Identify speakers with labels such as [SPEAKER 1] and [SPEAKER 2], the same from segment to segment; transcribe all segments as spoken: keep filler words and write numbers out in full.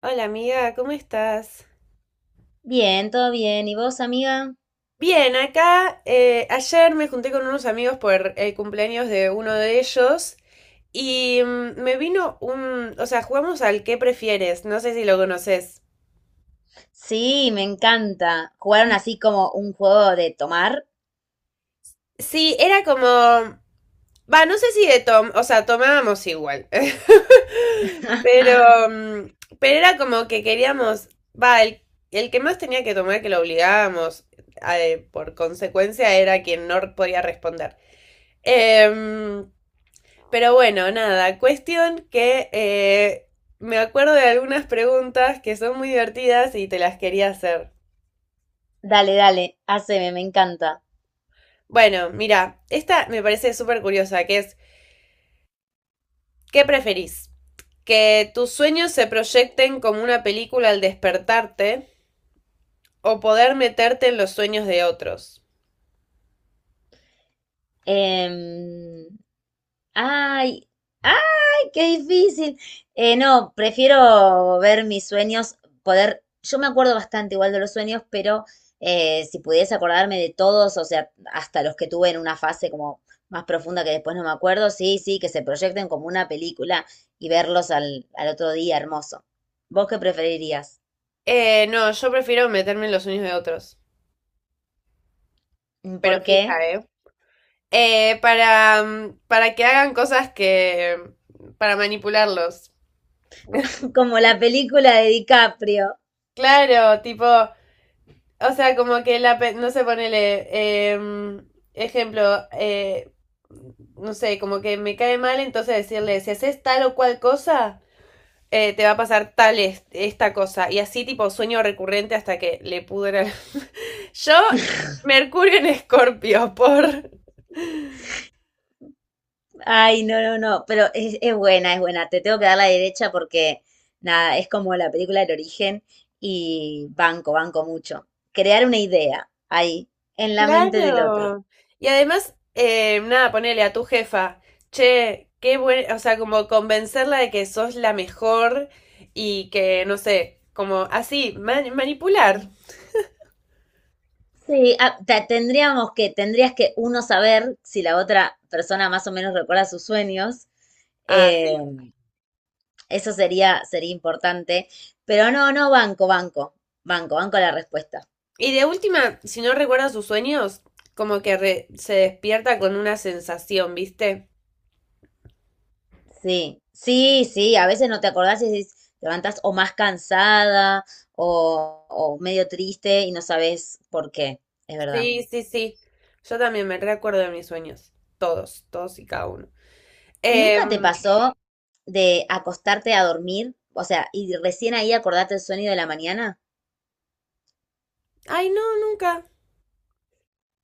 [SPEAKER 1] Hola amiga, ¿cómo estás?
[SPEAKER 2] Bien, todo bien. ¿Y vos, amiga?
[SPEAKER 1] Bien, acá, eh, ayer me junté con unos amigos por el cumpleaños de uno de ellos y mm, me vino un, o sea, jugamos al ¿qué prefieres? No sé si lo conoces.
[SPEAKER 2] Sí, me encanta. ¿Jugaron así como un juego de tomar?
[SPEAKER 1] Sí, era como, va, no sé si de tom, o sea, tomábamos igual, pero, mm, pero era como que queríamos, va, el, el que más tenía que tomar, que lo obligábamos, eh, por consecuencia era quien no podía responder. Em, Pero bueno, nada, cuestión que eh, me acuerdo de algunas preguntas que son muy divertidas y te las quería hacer.
[SPEAKER 2] Dale, dale, haceme, me encanta.
[SPEAKER 1] Bueno, mira, esta me parece súper curiosa, que es, ¿qué preferís? ¿Que tus sueños se proyecten como una película al despertarte o poder meterte en los sueños de otros?
[SPEAKER 2] Em, Ay, ay, qué difícil. Eh, no, prefiero ver mis sueños, poder, yo me acuerdo bastante igual de los sueños, pero eh, si pudiese acordarme de todos, o sea, hasta los que tuve en una fase como más profunda que después no me acuerdo, sí, sí, que se proyecten como una película y verlos al, al otro día, hermoso. ¿Vos qué preferirías?
[SPEAKER 1] Eh, no, yo prefiero meterme en los sueños de otros. Pero
[SPEAKER 2] ¿Por
[SPEAKER 1] fija,
[SPEAKER 2] qué?
[SPEAKER 1] ¿eh? eh, para, mm, para que hagan cosas que, para manipularlos.
[SPEAKER 2] Como la película de DiCaprio.
[SPEAKER 1] Claro, tipo, o sea, como que la, pe- no sé, ponele, em, ejemplo, eh, no sé, como que me cae mal, entonces decirle, si haces tal o cual cosa, eh, te va a pasar tal es- esta cosa. Y así tipo sueño recurrente hasta que le pudra. Yo, Mercurio en Escorpio. por...
[SPEAKER 2] Ay, no, no, no, pero es, es buena, es buena. Te tengo que dar la derecha porque, nada, es como la película del origen y banco, banco mucho. Crear una idea ahí, en la mente del otro.
[SPEAKER 1] Claro. Y además, eh, nada, ponele a tu jefa, che, qué buen, o sea, como convencerla de que sos la mejor y que, no sé, como así, man- manipular.
[SPEAKER 2] Sí, ah, ta- tendríamos que, tendrías que uno saber si la otra persona más o menos recuerda sus sueños.
[SPEAKER 1] Ah,
[SPEAKER 2] eh,
[SPEAKER 1] sí.
[SPEAKER 2] Eso sería, sería importante. Pero no, no, banco, banco, banco, banco la respuesta.
[SPEAKER 1] Y de última, si no recuerda sus sueños, como que re- se despierta con una sensación, ¿viste?
[SPEAKER 2] Sí, sí, sí, a veces no te acordás y decís, te levantás o más cansada o, o medio triste y no sabes por qué, es verdad.
[SPEAKER 1] Sí, sí, sí. Yo también me recuerdo de mis sueños. Todos, todos y cada uno.
[SPEAKER 2] ¿Y
[SPEAKER 1] Em,
[SPEAKER 2] nunca te pasó de acostarte a dormir? O sea, y recién ahí acordarte el sueño de la mañana.
[SPEAKER 1] Ay, no, nunca.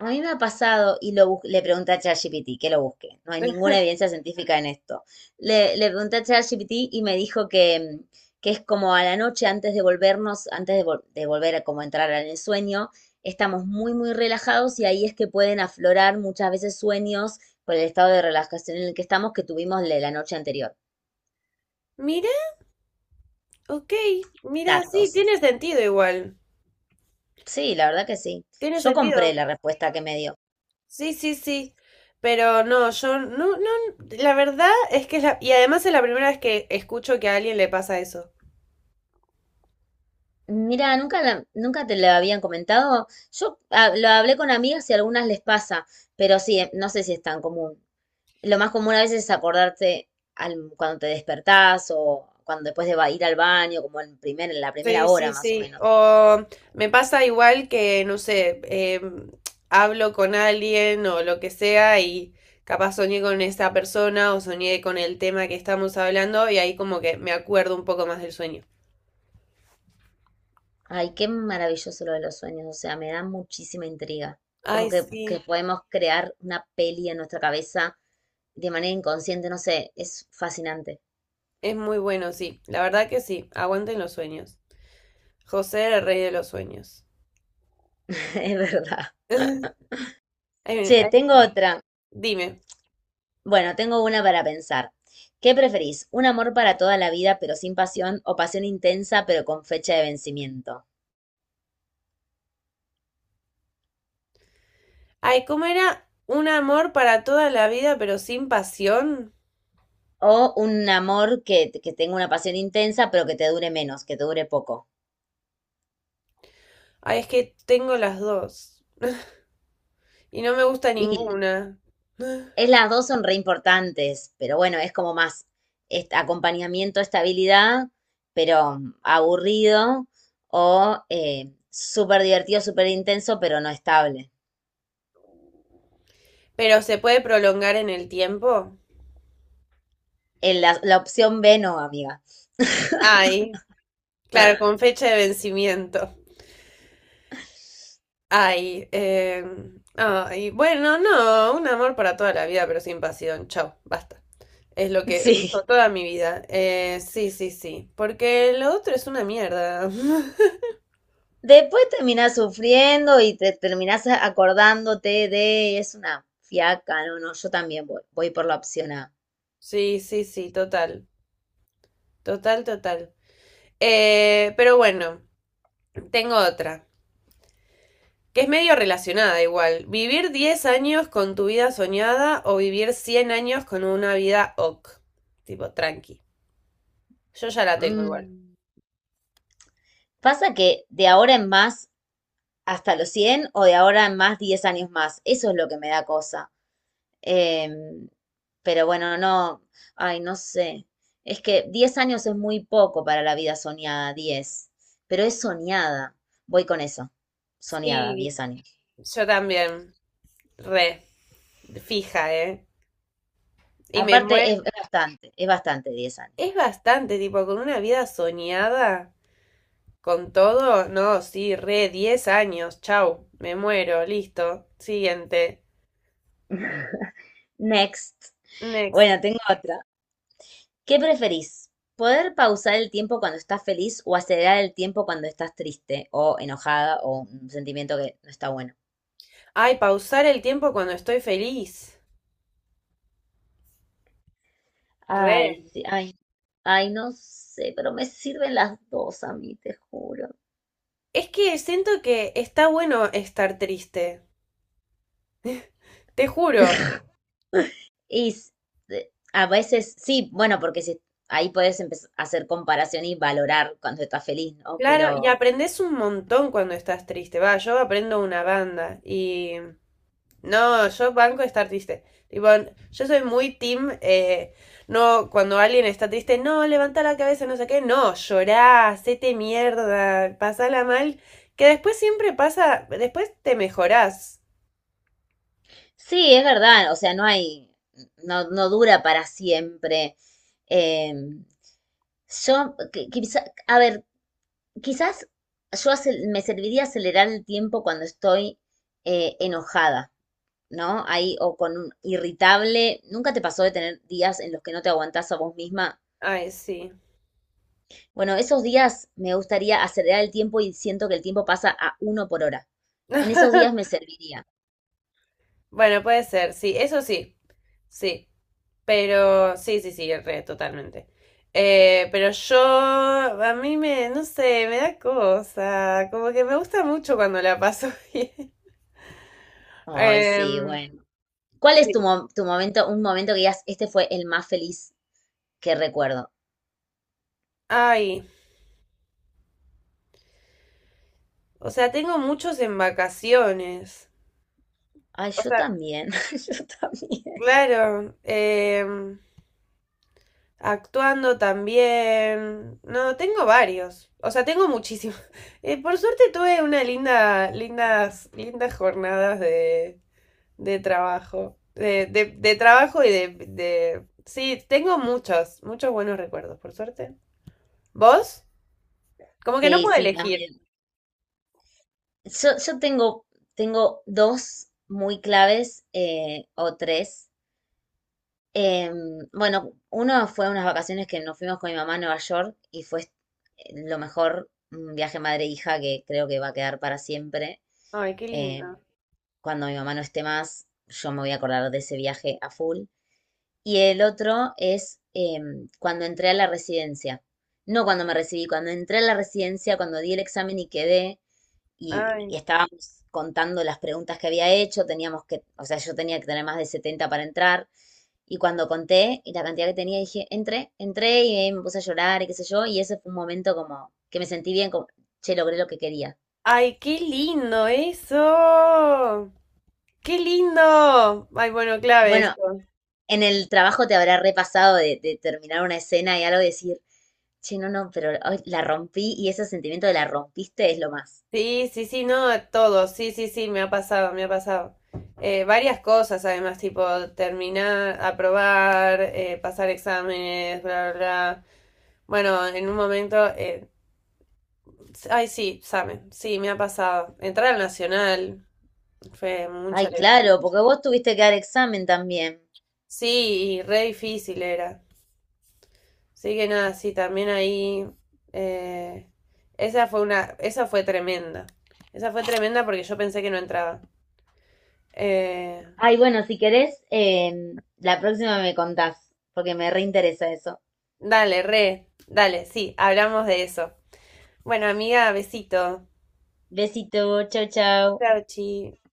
[SPEAKER 2] A mí me ha pasado, y lo bus- le pregunté a ChatGPT que lo busque. No hay ninguna evidencia científica en esto. Le, le pregunté a ChatGPT y me dijo que, mm, que es como a la noche antes de volvernos, antes de, vol- de volver a como entrar en el sueño, estamos muy, muy relajados y ahí es que pueden aflorar muchas veces sueños por el estado de relajación en el que estamos que tuvimos la la noche anterior.
[SPEAKER 1] Mira, ok. Mira, sí,
[SPEAKER 2] Datos.
[SPEAKER 1] tiene sentido igual.
[SPEAKER 2] Sí, la verdad que sí.
[SPEAKER 1] Tiene
[SPEAKER 2] Yo
[SPEAKER 1] sentido.
[SPEAKER 2] compré la respuesta que me dio.
[SPEAKER 1] Sí, sí, sí. Pero no, yo no, no, la verdad es que es la, y además es la primera vez que escucho que a alguien le pasa eso.
[SPEAKER 2] Mira, nunca, la- nunca te lo habían comentado. Yo ah, lo hablé con amigas y a algunas les pasa, pero sí, eh, no sé si es tan común. Lo más común a veces es acordarte al- cuando te despertás o cuando después de ba- ir al baño, como en primer, en la primera
[SPEAKER 1] Sí,
[SPEAKER 2] hora
[SPEAKER 1] sí,
[SPEAKER 2] más o
[SPEAKER 1] sí.
[SPEAKER 2] menos.
[SPEAKER 1] O me pasa igual que, no sé, em, hablo con alguien o lo que sea y capaz soñé con esa persona o soñé con el tema que estamos hablando y ahí como que me acuerdo un poco más del sueño.
[SPEAKER 2] Ay, qué maravilloso lo de los sueños, o sea, me da muchísima intriga.
[SPEAKER 1] Ay,
[SPEAKER 2] Como que, que
[SPEAKER 1] sí,
[SPEAKER 2] podemos crear una peli en nuestra cabeza de manera inconsciente, no sé, es fascinante,
[SPEAKER 1] es muy bueno, sí. La verdad que sí, aguanten los sueños. José, el rey de los sueños.
[SPEAKER 2] es verdad.
[SPEAKER 1] Hay un-
[SPEAKER 2] Che,
[SPEAKER 1] hay
[SPEAKER 2] tengo
[SPEAKER 1] un-
[SPEAKER 2] otra.
[SPEAKER 1] Dime.
[SPEAKER 2] Bueno, tengo una para pensar. ¿Qué preferís? ¿Un amor para toda la vida pero sin pasión o pasión intensa pero con fecha de vencimiento?
[SPEAKER 1] Ay, ¿cómo era un amor para toda la vida pero sin pasión?
[SPEAKER 2] ¿O un amor que, que tenga una pasión intensa pero que te dure menos, que te dure poco?
[SPEAKER 1] Ay, es que tengo las dos y no me gusta
[SPEAKER 2] Y
[SPEAKER 1] ninguna.
[SPEAKER 2] es, las dos son re importantes, pero bueno, es como más est- acompañamiento, estabilidad, pero aburrido o eh, súper divertido, súper intenso pero no estable.
[SPEAKER 1] Pero se puede prolongar en el tiempo.
[SPEAKER 2] En la la opción B no, amiga.
[SPEAKER 1] Ay, claro, con fecha de vencimiento. Ay, eh, ay, bueno, no, un amor para toda la vida pero sin pasión. Chao, basta. Es lo que
[SPEAKER 2] Sí.
[SPEAKER 1] elijo toda mi vida. Eh, sí, sí, sí. Porque lo otro es una mierda.
[SPEAKER 2] Después terminás sufriendo y te terminás acordándote de, es una fiaca, no, no, yo también voy, voy por la opción A.
[SPEAKER 1] Sí, sí, sí, total. Total, total. Eh, pero bueno, tengo otra, que es medio relacionada igual. ¿Vivir diez años con tu vida soñada o vivir cien años con una vida ok? Tipo, tranqui. Yo ya la tengo igual.
[SPEAKER 2] Mm. Pasa que de ahora en más hasta los cien o de ahora en más diez años más, eso es lo que me da cosa. Em, pero bueno, no, ay, no sé. Es que diez años es muy poco para la vida soñada, diez pero es soñada. Voy con eso, soñada,
[SPEAKER 1] Sí,
[SPEAKER 2] diez años.
[SPEAKER 1] yo también. Re. Fija, ¿eh? Y me
[SPEAKER 2] Aparte,
[SPEAKER 1] muero.
[SPEAKER 2] es, es bastante, es bastante diez años.
[SPEAKER 1] Es bastante, tipo, con una vida soñada, con todo. No, sí, re, diez años. Chau, me muero, listo. Siguiente.
[SPEAKER 2] Next.
[SPEAKER 1] Next.
[SPEAKER 2] Bueno, tengo otra. ¿Qué preferís? ¿Poder pausar el tiempo cuando estás feliz o acelerar el tiempo cuando estás triste o enojada o un sentimiento que no está bueno?
[SPEAKER 1] Ay, pausar el tiempo cuando estoy feliz.
[SPEAKER 2] Ay,
[SPEAKER 1] Re.
[SPEAKER 2] sí, ay, ay, no sé, pero me sirven las dos a mí, te juro.
[SPEAKER 1] Es que siento que está bueno estar triste. Te juro.
[SPEAKER 2] Y s- de- a veces sí, bueno, porque si, ahí puedes empezar a hacer comparación y valorar cuando estás feliz, ¿no?
[SPEAKER 1] Claro, y
[SPEAKER 2] Pero
[SPEAKER 1] aprendes un montón cuando estás triste. Va, yo aprendo una banda y... No, yo banco estar triste. Tipo, yo soy muy team, eh, no, cuando alguien está triste, no, levanta la cabeza, no sé qué, no, llorá, hacete mierda, pasala mal, que después siempre pasa, después te mejorás.
[SPEAKER 2] sí, es verdad, o sea, no hay, no, no dura para siempre. Em, Yo, qui- quizá- a ver, quizás yo acel- me serviría acelerar el tiempo cuando estoy eh, enojada, ¿no? Ahí, o con un irritable. ¿Nunca te pasó de tener días en los que no te aguantás a vos misma?
[SPEAKER 1] Ay, sí.
[SPEAKER 2] Bueno, esos días me gustaría acelerar el tiempo y siento que el tiempo pasa a uno por hora. En esos días me serviría.
[SPEAKER 1] Bueno, puede ser, sí, eso sí, sí, pero sí, sí, sí, re, totalmente. Eh, pero yo, a mí me, no sé, me da cosa, como que me gusta mucho cuando la paso bien.
[SPEAKER 2] Ay, sí,
[SPEAKER 1] Em,
[SPEAKER 2] bueno. ¿Cuál es tu,
[SPEAKER 1] Sí.
[SPEAKER 2] mo- tu momento, un momento que digas, este fue el más feliz que recuerdo?
[SPEAKER 1] Ay, o sea, tengo muchos en vacaciones.
[SPEAKER 2] Ay,
[SPEAKER 1] O
[SPEAKER 2] yo
[SPEAKER 1] sea,
[SPEAKER 2] también, yo también.
[SPEAKER 1] claro, em, actuando también. No, tengo varios. O sea, tengo muchísimos. Eh, por suerte tuve una linda, lindas, lindas jornadas de, de trabajo. De, de, de trabajo y de, de. Sí, tengo muchos, muchos buenos recuerdos, por suerte. ¿Vos? Como que no
[SPEAKER 2] Sí,
[SPEAKER 1] puedo
[SPEAKER 2] sí,
[SPEAKER 1] elegir.
[SPEAKER 2] Yo, yo tengo, tengo dos muy claves eh, o tres. Eh, bueno, uno fue unas vacaciones que nos fuimos con mi mamá a Nueva York y fue eh, lo mejor, un viaje madre-hija que creo que va a quedar para siempre.
[SPEAKER 1] Ay, qué
[SPEAKER 2] Eh,
[SPEAKER 1] lindo.
[SPEAKER 2] Cuando mi mamá no esté más, yo me voy a acordar de ese viaje a full. Y el otro es em, cuando entré a la residencia. No cuando me recibí, cuando entré a la residencia, cuando di el examen y quedé, y,
[SPEAKER 1] Ay.
[SPEAKER 2] y estábamos contando las preguntas que había hecho, teníamos que, o sea, yo tenía que tener más de setenta para entrar, y cuando conté y la cantidad que tenía, dije, entré, entré y me puse a llorar y qué sé yo, y ese fue un momento como que me sentí bien, como, che, logré lo que quería.
[SPEAKER 1] Ay, qué lindo eso. Qué lindo. Ay, bueno, clave
[SPEAKER 2] Bueno,
[SPEAKER 1] eso.
[SPEAKER 2] en el trabajo te habrá repasado de, de terminar una escena y algo y decir, che, no, no, pero ay, la rompí y ese sentimiento de la rompiste es lo más.
[SPEAKER 1] Sí, sí, sí, no, a todos, sí, sí, sí, me ha pasado, me ha pasado. Eh, varias cosas además, tipo terminar, aprobar, eh, pasar exámenes, bla, bla, bla. Bueno, en un momento, eh, ay, sí, examen, sí, me ha pasado. Entrar al Nacional fue mucha
[SPEAKER 2] Ay,
[SPEAKER 1] alegría.
[SPEAKER 2] claro, porque vos tuviste que dar examen también.
[SPEAKER 1] Sí, y re difícil era. Así que nada, sí, también ahí, eh, esa fue una, esa fue tremenda. Esa fue tremenda porque yo pensé que no entraba. Eh,
[SPEAKER 2] Ay, bueno, si querés, em, la próxima me contás, porque me reinteresa eso.
[SPEAKER 1] Dale, re, dale, sí, hablamos de eso. Bueno, amiga, besito.
[SPEAKER 2] Besito, chao, chao.
[SPEAKER 1] Chao, chi.